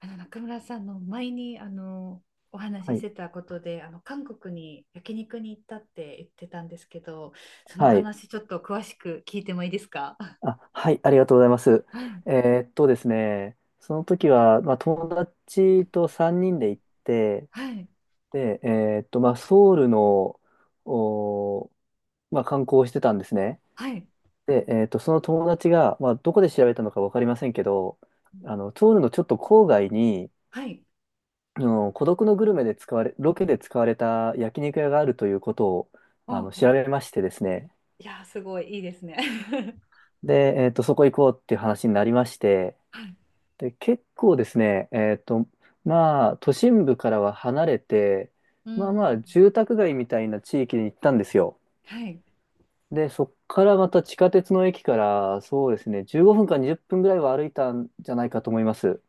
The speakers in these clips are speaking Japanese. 中村さんの前におは話ししい。てたことで韓国に焼肉に行ったって言ってたんですけど、そのはい。話ちょっと詳しく聞いてもいいですかあ。 あ、はい。ありがとうございます。はい。ですね、その時は、友達と3人で行って、はい。で、えーっと、まあ、ソウルの、おー、まあ、観光をしてたんですね。はい。で、その友達が、まあ、どこで調べたのか分かりませんけど、あの、ソウルのちょっと郊外に、はい。あの、孤独のグルメで使われ、ロケで使われた焼肉屋があるということを、あおうの、おう。調べましてですね、いやーすごいいいですね。 で、そこ行こうっていう話になりまして、はい。で、結構ですね、まあ、都心部からは離れて、うんまあうまあ、ん。住宅街みたいな地域に行ったんですよ。はい。で、そっからまた地下鉄の駅から、そうですね、15分か20分ぐらいは歩いたんじゃないかと思います。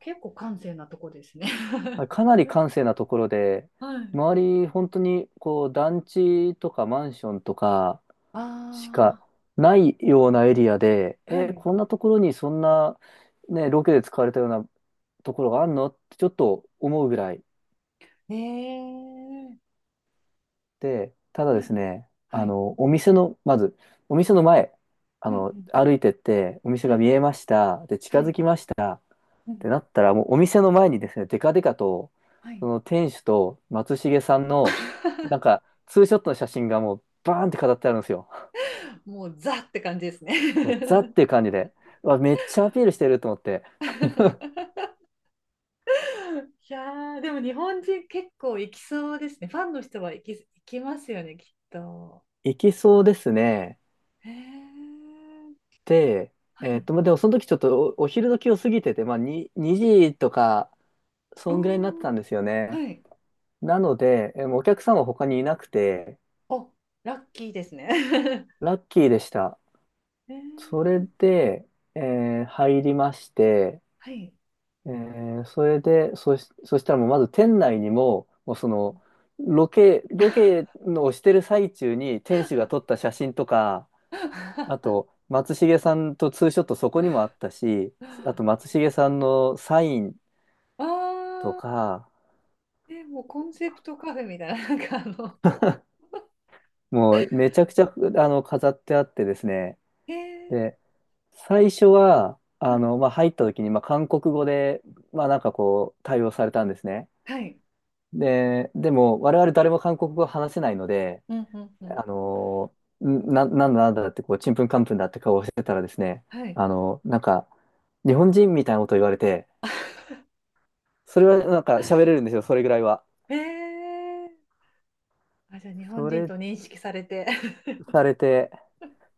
結構閑静なとこですね。 はい、かなり閑静なところで、はい。周り、本当に、こう、団地とかマンションとかしかあないようなエリアで、あ、ーはえーい。こんなところにそんな、ね、ロケで使われたようなところがあるのってちょっと思うぐらい。ええー。で、ただはですい。ね、はあい。の、お店の、まず、お店の前、あうんうの、ん。歩いてって、お店はが見い。えました、で、は近づい。きましたっうてなん。ったら、もうお店の前にですね、デカデカと、はそい。の店主と松重さんの、なんか、ツーショットの写真がもう、バーンって飾ってあるんですよ。もうザって感じですね。 もうザっ ていう感じで、うわ、めっちゃアピールしてると思って、いやでも日本人結構行きそうですね。ファンの人は行きますよね、きっと。いけそうですね。へえ。で、はい。まあ、でもその時ちょっとお昼時を過ぎてて、まあ、に2時とか、おそんぐらいになってー、たんですよね。はい。なので、えーお客さんは他にいなくて、お、ラッキーですね。ラッキーでした。へえ。それで、えー入りまして、はい。えーそれで、そしたらもうまず店内にも、もうその、ロケのをしてる最中に店主が撮った写真とか、あ あと、松重さんとツーショットそこにもあったし、あと松重さんのサインとあ、か、え、もうコンセプトカフェみたいな、なんかもうめちゃくちゃ、あの、飾ってあってですね、えー、で最初は、はあい、の、まあ、入った時に、まあ、韓国語で、まあ、なんかこう、対応されたんですね。はい、でも、我々誰も韓国語話せないので、うん、うん、うん、あの、なんだなんだって、こう、ちんぷんかんぷんだって顔をしてたらですね、はい、あの、なんか、日本人みたいなこと言われて、それはなんか喋れるんですよ、それぐらいは。えー、あ、じゃあ日本そ人れと認識されて。されて、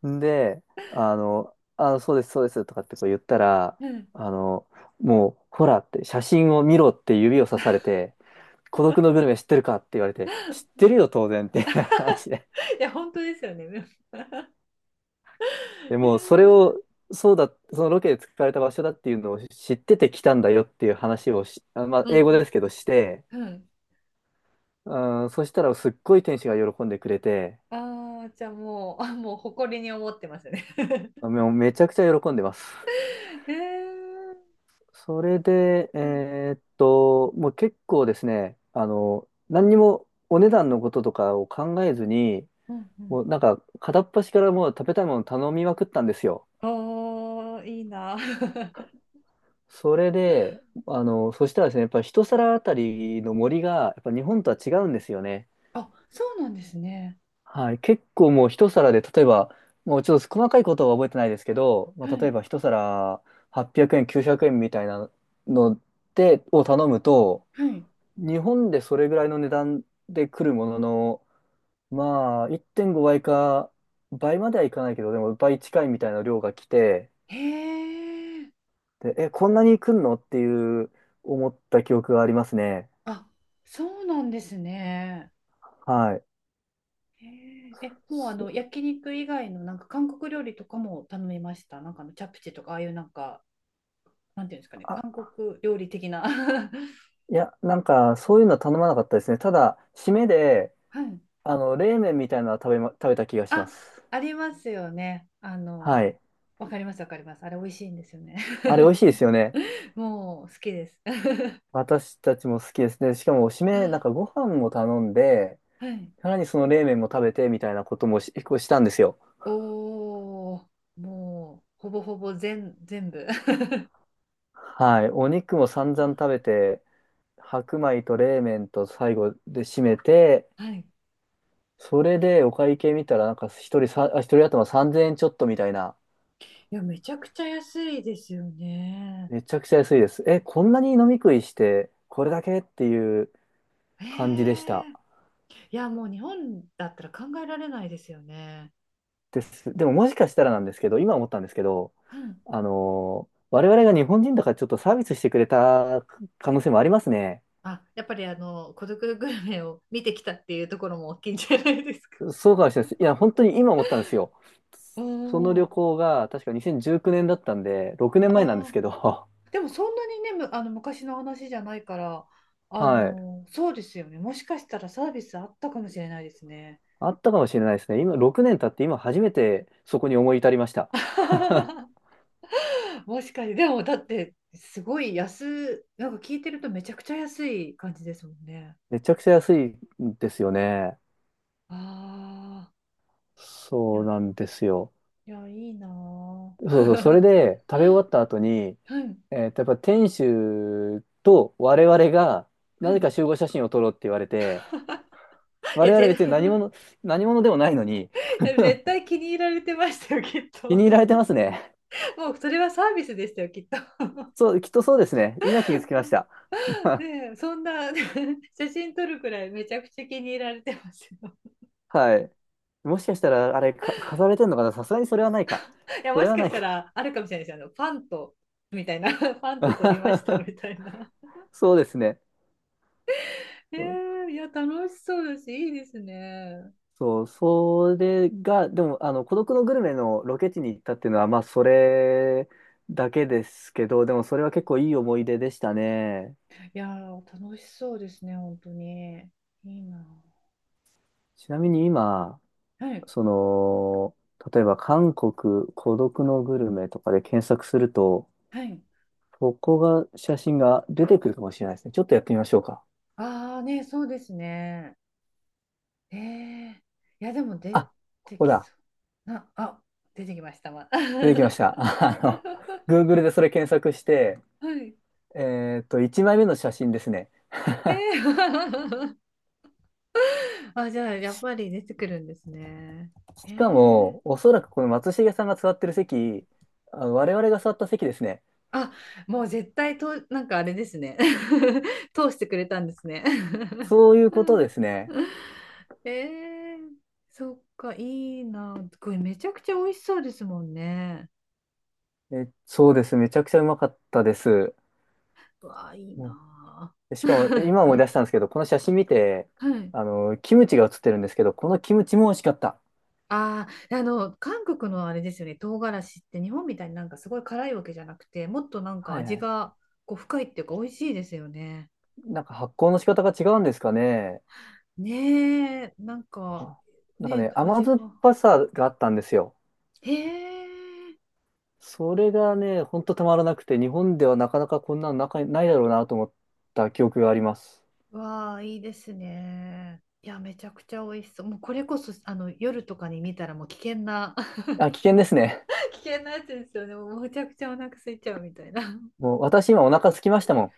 で、あの、あ、そうです、そうです、とかってこう言ったら、うん。あの、もう、ほらって、写真を見ろって指をさされて、孤独のグルメ知ってるかって言われて、知っ てるよ、当然っていう 話で。いや、本当ですよね。でも、それを、そうだ、そのロケで使われた場所だっていうのを知ってて来たんだよっていう話をし、あまあ、う英語でんすけどして、えー、うん。うん。うん、そしたらすっごい天使が喜んでくれて、ああ、じゃあもう、あ、もう誇りに思ってますね。もうめちゃくちゃ喜んでます。えー、それで、うん。もう結構ですね、あの、何にもお値段のこととかを考えずに、うんうん。もうなんか片っ端からもう食べたいもの頼みまくったんですよ。おー、いいな。それで、あの、そしたらですね、やっぱり一皿あたりの森が、やっぱ日本とは違うんですよね。あ、そうなんですね。はい。結構もう一皿で、例えば、もうちょっと細かいことは覚えてないですけど、まはあ、例い。えば一皿800円、900円みたいなので、を頼むと、はい。日本でそれぐらいの値段で来るものの、まあ、1.5倍か、倍まではいかないけど、でも倍近いみたいな量が来て、へえ。で、え、こんなに来んのっていう思った記憶がありますね。あ、そうなんですね。はい、へえ。え、もうあの、そ焼肉以外のなんか韓国料理とかも頼みました。なんかあの、チャプチェとか、ああいうなんか、なんていうんですかね、あ、韓国料理的な。いや、なんか、そういうのは頼まなかったですね。ただ、締めで、はい。あの、冷麺みたいなのは食べた気がしまあ、す。ありますよね。あはの、い。わかります、わかります。あれ美味しいんですよね。あれ、美味しいですよね。もう好きです。私たちも好きですね。しかも、締め、なんか、ご飯も頼んで、はい。さらにその冷麺も食べて、みたいなこともし、こうしたんですよ。おー、もうほぼほぼ全部。はい。お肉も散々食べて、白米と冷麺と最後で締めて、はい。それでお会計見たら、なんか、一人頭3000円ちょっとみたいな。いや、めちゃくちゃ安いですよね。めちゃくちゃ安いです。え、こんなに飲み食いして、これだけっていうえ感じでした。え、いや、もう日本だったら考えられないですよね。です。でももしかしたらなんですけど、今思ったんですけど、うん。あの、我々が日本人だからちょっとサービスしてくれた可能性もありますね。あ、やっぱりあの、孤独グルメを見てきたっていうところも大きいんじゃないですか。そうかもしれないです。いや、本当に今思ったんですよ。おそのー、旅行が確か2019年だったんで、6年前なんですあけど、ー、でもそんなにね、む、あの昔の話じゃないから、あはい。のー、そうですよね。もしかしたらサービスあったかもしれないですね。あったかもしれないですね。今、6年経って今初めてそこに思い至りました。もしかして、でもだって、すごい安、なんか聞いてるとめちゃくちゃ安い感じですもんね。めちゃくちゃ安いんですよね。ああ、いそうや、なんですよ。いや、いいなぁ。そうそう、それ で食べ終わった後に、はい、えーと、やっぱ店主と我々が、はなぜい。か集合写真を撮ろうって言われて、いや、我々ぜ、別に何 者、何者でもないのに、絶対気に入られてましたよ、きっ気と。に入られて ますね。もうそれはサービスでしたよ、きっと。そう、きっとそうですね。今気がつきました。ねえ、そんな 写真撮るくらいめちゃくちゃ気に入られてますよ。はい。もしかしたら、あれ、か、飾られてんのかな、さすがにそれはないか。いや、そもれしはかなしいたか。らあるかもしれないですよ。あの、パンと、みたいな、パンと撮りましたみた いな。そうですね。ねえー、いや、楽しそうだし、いいですね。そう、それが、でも、あの、孤独のグルメのロケ地に行ったっていうのは、まあ、それだけですけど、でも、それは結構いい思い出でしたね。いやー、楽しそうですね、本当に。いいな。ちなみに今、はい、その、例えば、韓国孤独のグルメとかで検索すると、はい。ここが、写真が出てくるかもしれないですね。ちょっとやってみましょうか。ああ、ね、そうですね。ええ、いや、でも出あ、こてこきだ。そう。な、あ、出てきましたわ。出てきましはた。あの、Google でそれ検索して、い。1枚目の写真ですね。え え あ、じゃあ、やっぱり出てくるんですね。えしかー、も、おそらくこの松重さんが座ってる席、あ我々が座った席ですね。あ、もう絶対と、なんかあれですね。通してくれたんですね。そういうことですね。えー、そっか、いいな。これめちゃくちゃ美味しそうですもんね。え、そうです。めちゃくちゃうまかったです。うわあ、いいもな。うしかも、今思い出し たんですけど、この写真見て、はい。あの、キムチが写ってるんですけど、このキムチも美味しかった。ああ、あの、韓国のあれですよね、唐辛子って日本みたいになんかすごい辛いわけじゃなくて、もっとなんかはいは味い。がこう深いっていうか美味しいですよね。なんか発酵の仕方が違うんですかね。ねえ、なんか、あ、なんかね、ね、甘味が。酸っぱさがあったんですよ。へえ、それがね、ほんとたまらなくて、日本ではなかなかこんなのなかないだろうなと思った記憶があります。わあ、いいですね。いや、めちゃくちゃ美味しそう。もうこれこそ、あの、夜とかに見たらもう危険な、あ、危険ですね。危険なやつですよね。もうむちゃくちゃお腹空いちゃうみたいな。もう私今お腹空きましたもん。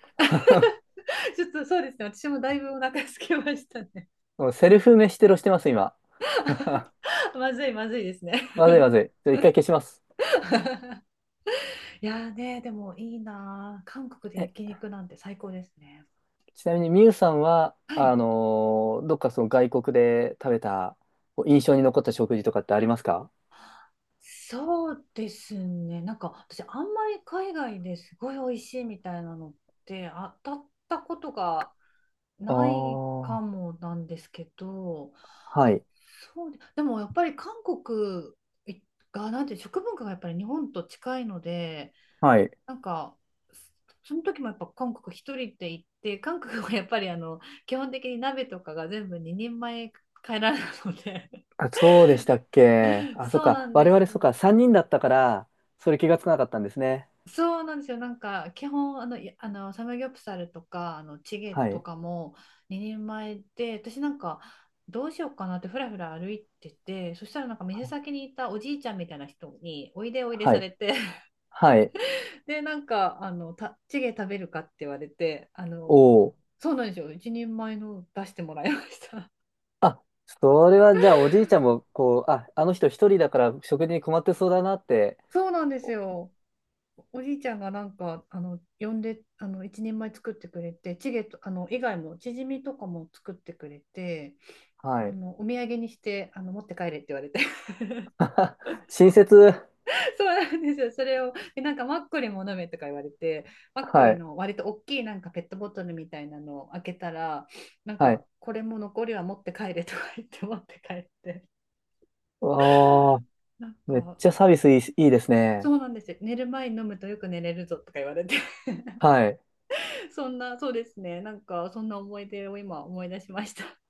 ちょっとそうですね。私もだいぶお腹空きましたね。もうセルフ飯テロしてます、今。まずい、まずいですね。まずい、ま ずい。ちょっと一回消します。いやーね、でもいいなあ。韓国でえ、焼肉なんて最高ですね。ちなみにみゆさんは、はあい。のーどっかその外国で食べた、こう印象に残った食事とかってありますか？そうですね。なんか私あんまり海外ですごい美味しいみたいなのって当たったことがあないかあー、もなんですけど、はい。そうで、でもやっぱり韓国がなんて食文化がやっぱり日本と近いので、はい。なんかその時もやっぱ韓国一人で行って、韓国はやっぱりあの基本的に鍋とかが全部2人前帰らないので、あ、そうでしたっけ。あ、そっそうなか。んで我す々そっよ。か。3人だったから、それ気がつかなかったんですね。そうなんですよ。なんか、基本、あの、い、あの、サムギョプサルとか、あの、チゲはとい。かも2人前で、私なんか、どうしようかなってふらふら歩いてて、そしたらなんか店はい。先にいたおじいちゃんみたいな人に、おいでおいではさい。れて、はいで、なんか、あの、た、チゲ食べるかって言われて、あの、おそうなんですよ。一人前の出してもらいました。あ、それはじゃあおじいちゃんも、こう、あ、あの人一人だから食事に困ってそうだなって、そうなんですよ。おじいちゃんがなんかあの呼んであの一人前作ってくれてチゲとあの以外もチヂミとかも作ってくれて、あはい。のお土産にしてあの持って帰れって言われて 親切、そうなんですよ。それをでなんかマッコリも飲めとか言われて、マッコはリい、の割と大きいなんかペットボトルみたいなのを開けたらなんはかい。これも残りは持って帰れとか言って 持って帰って、ああ、なんめっかちゃサービスいい、いいですそね。うなんですよ、寝る前に飲むとよく寝れるぞとか言われて はい。そんな、そうですね、なんかそんな思い出を今思い出しました。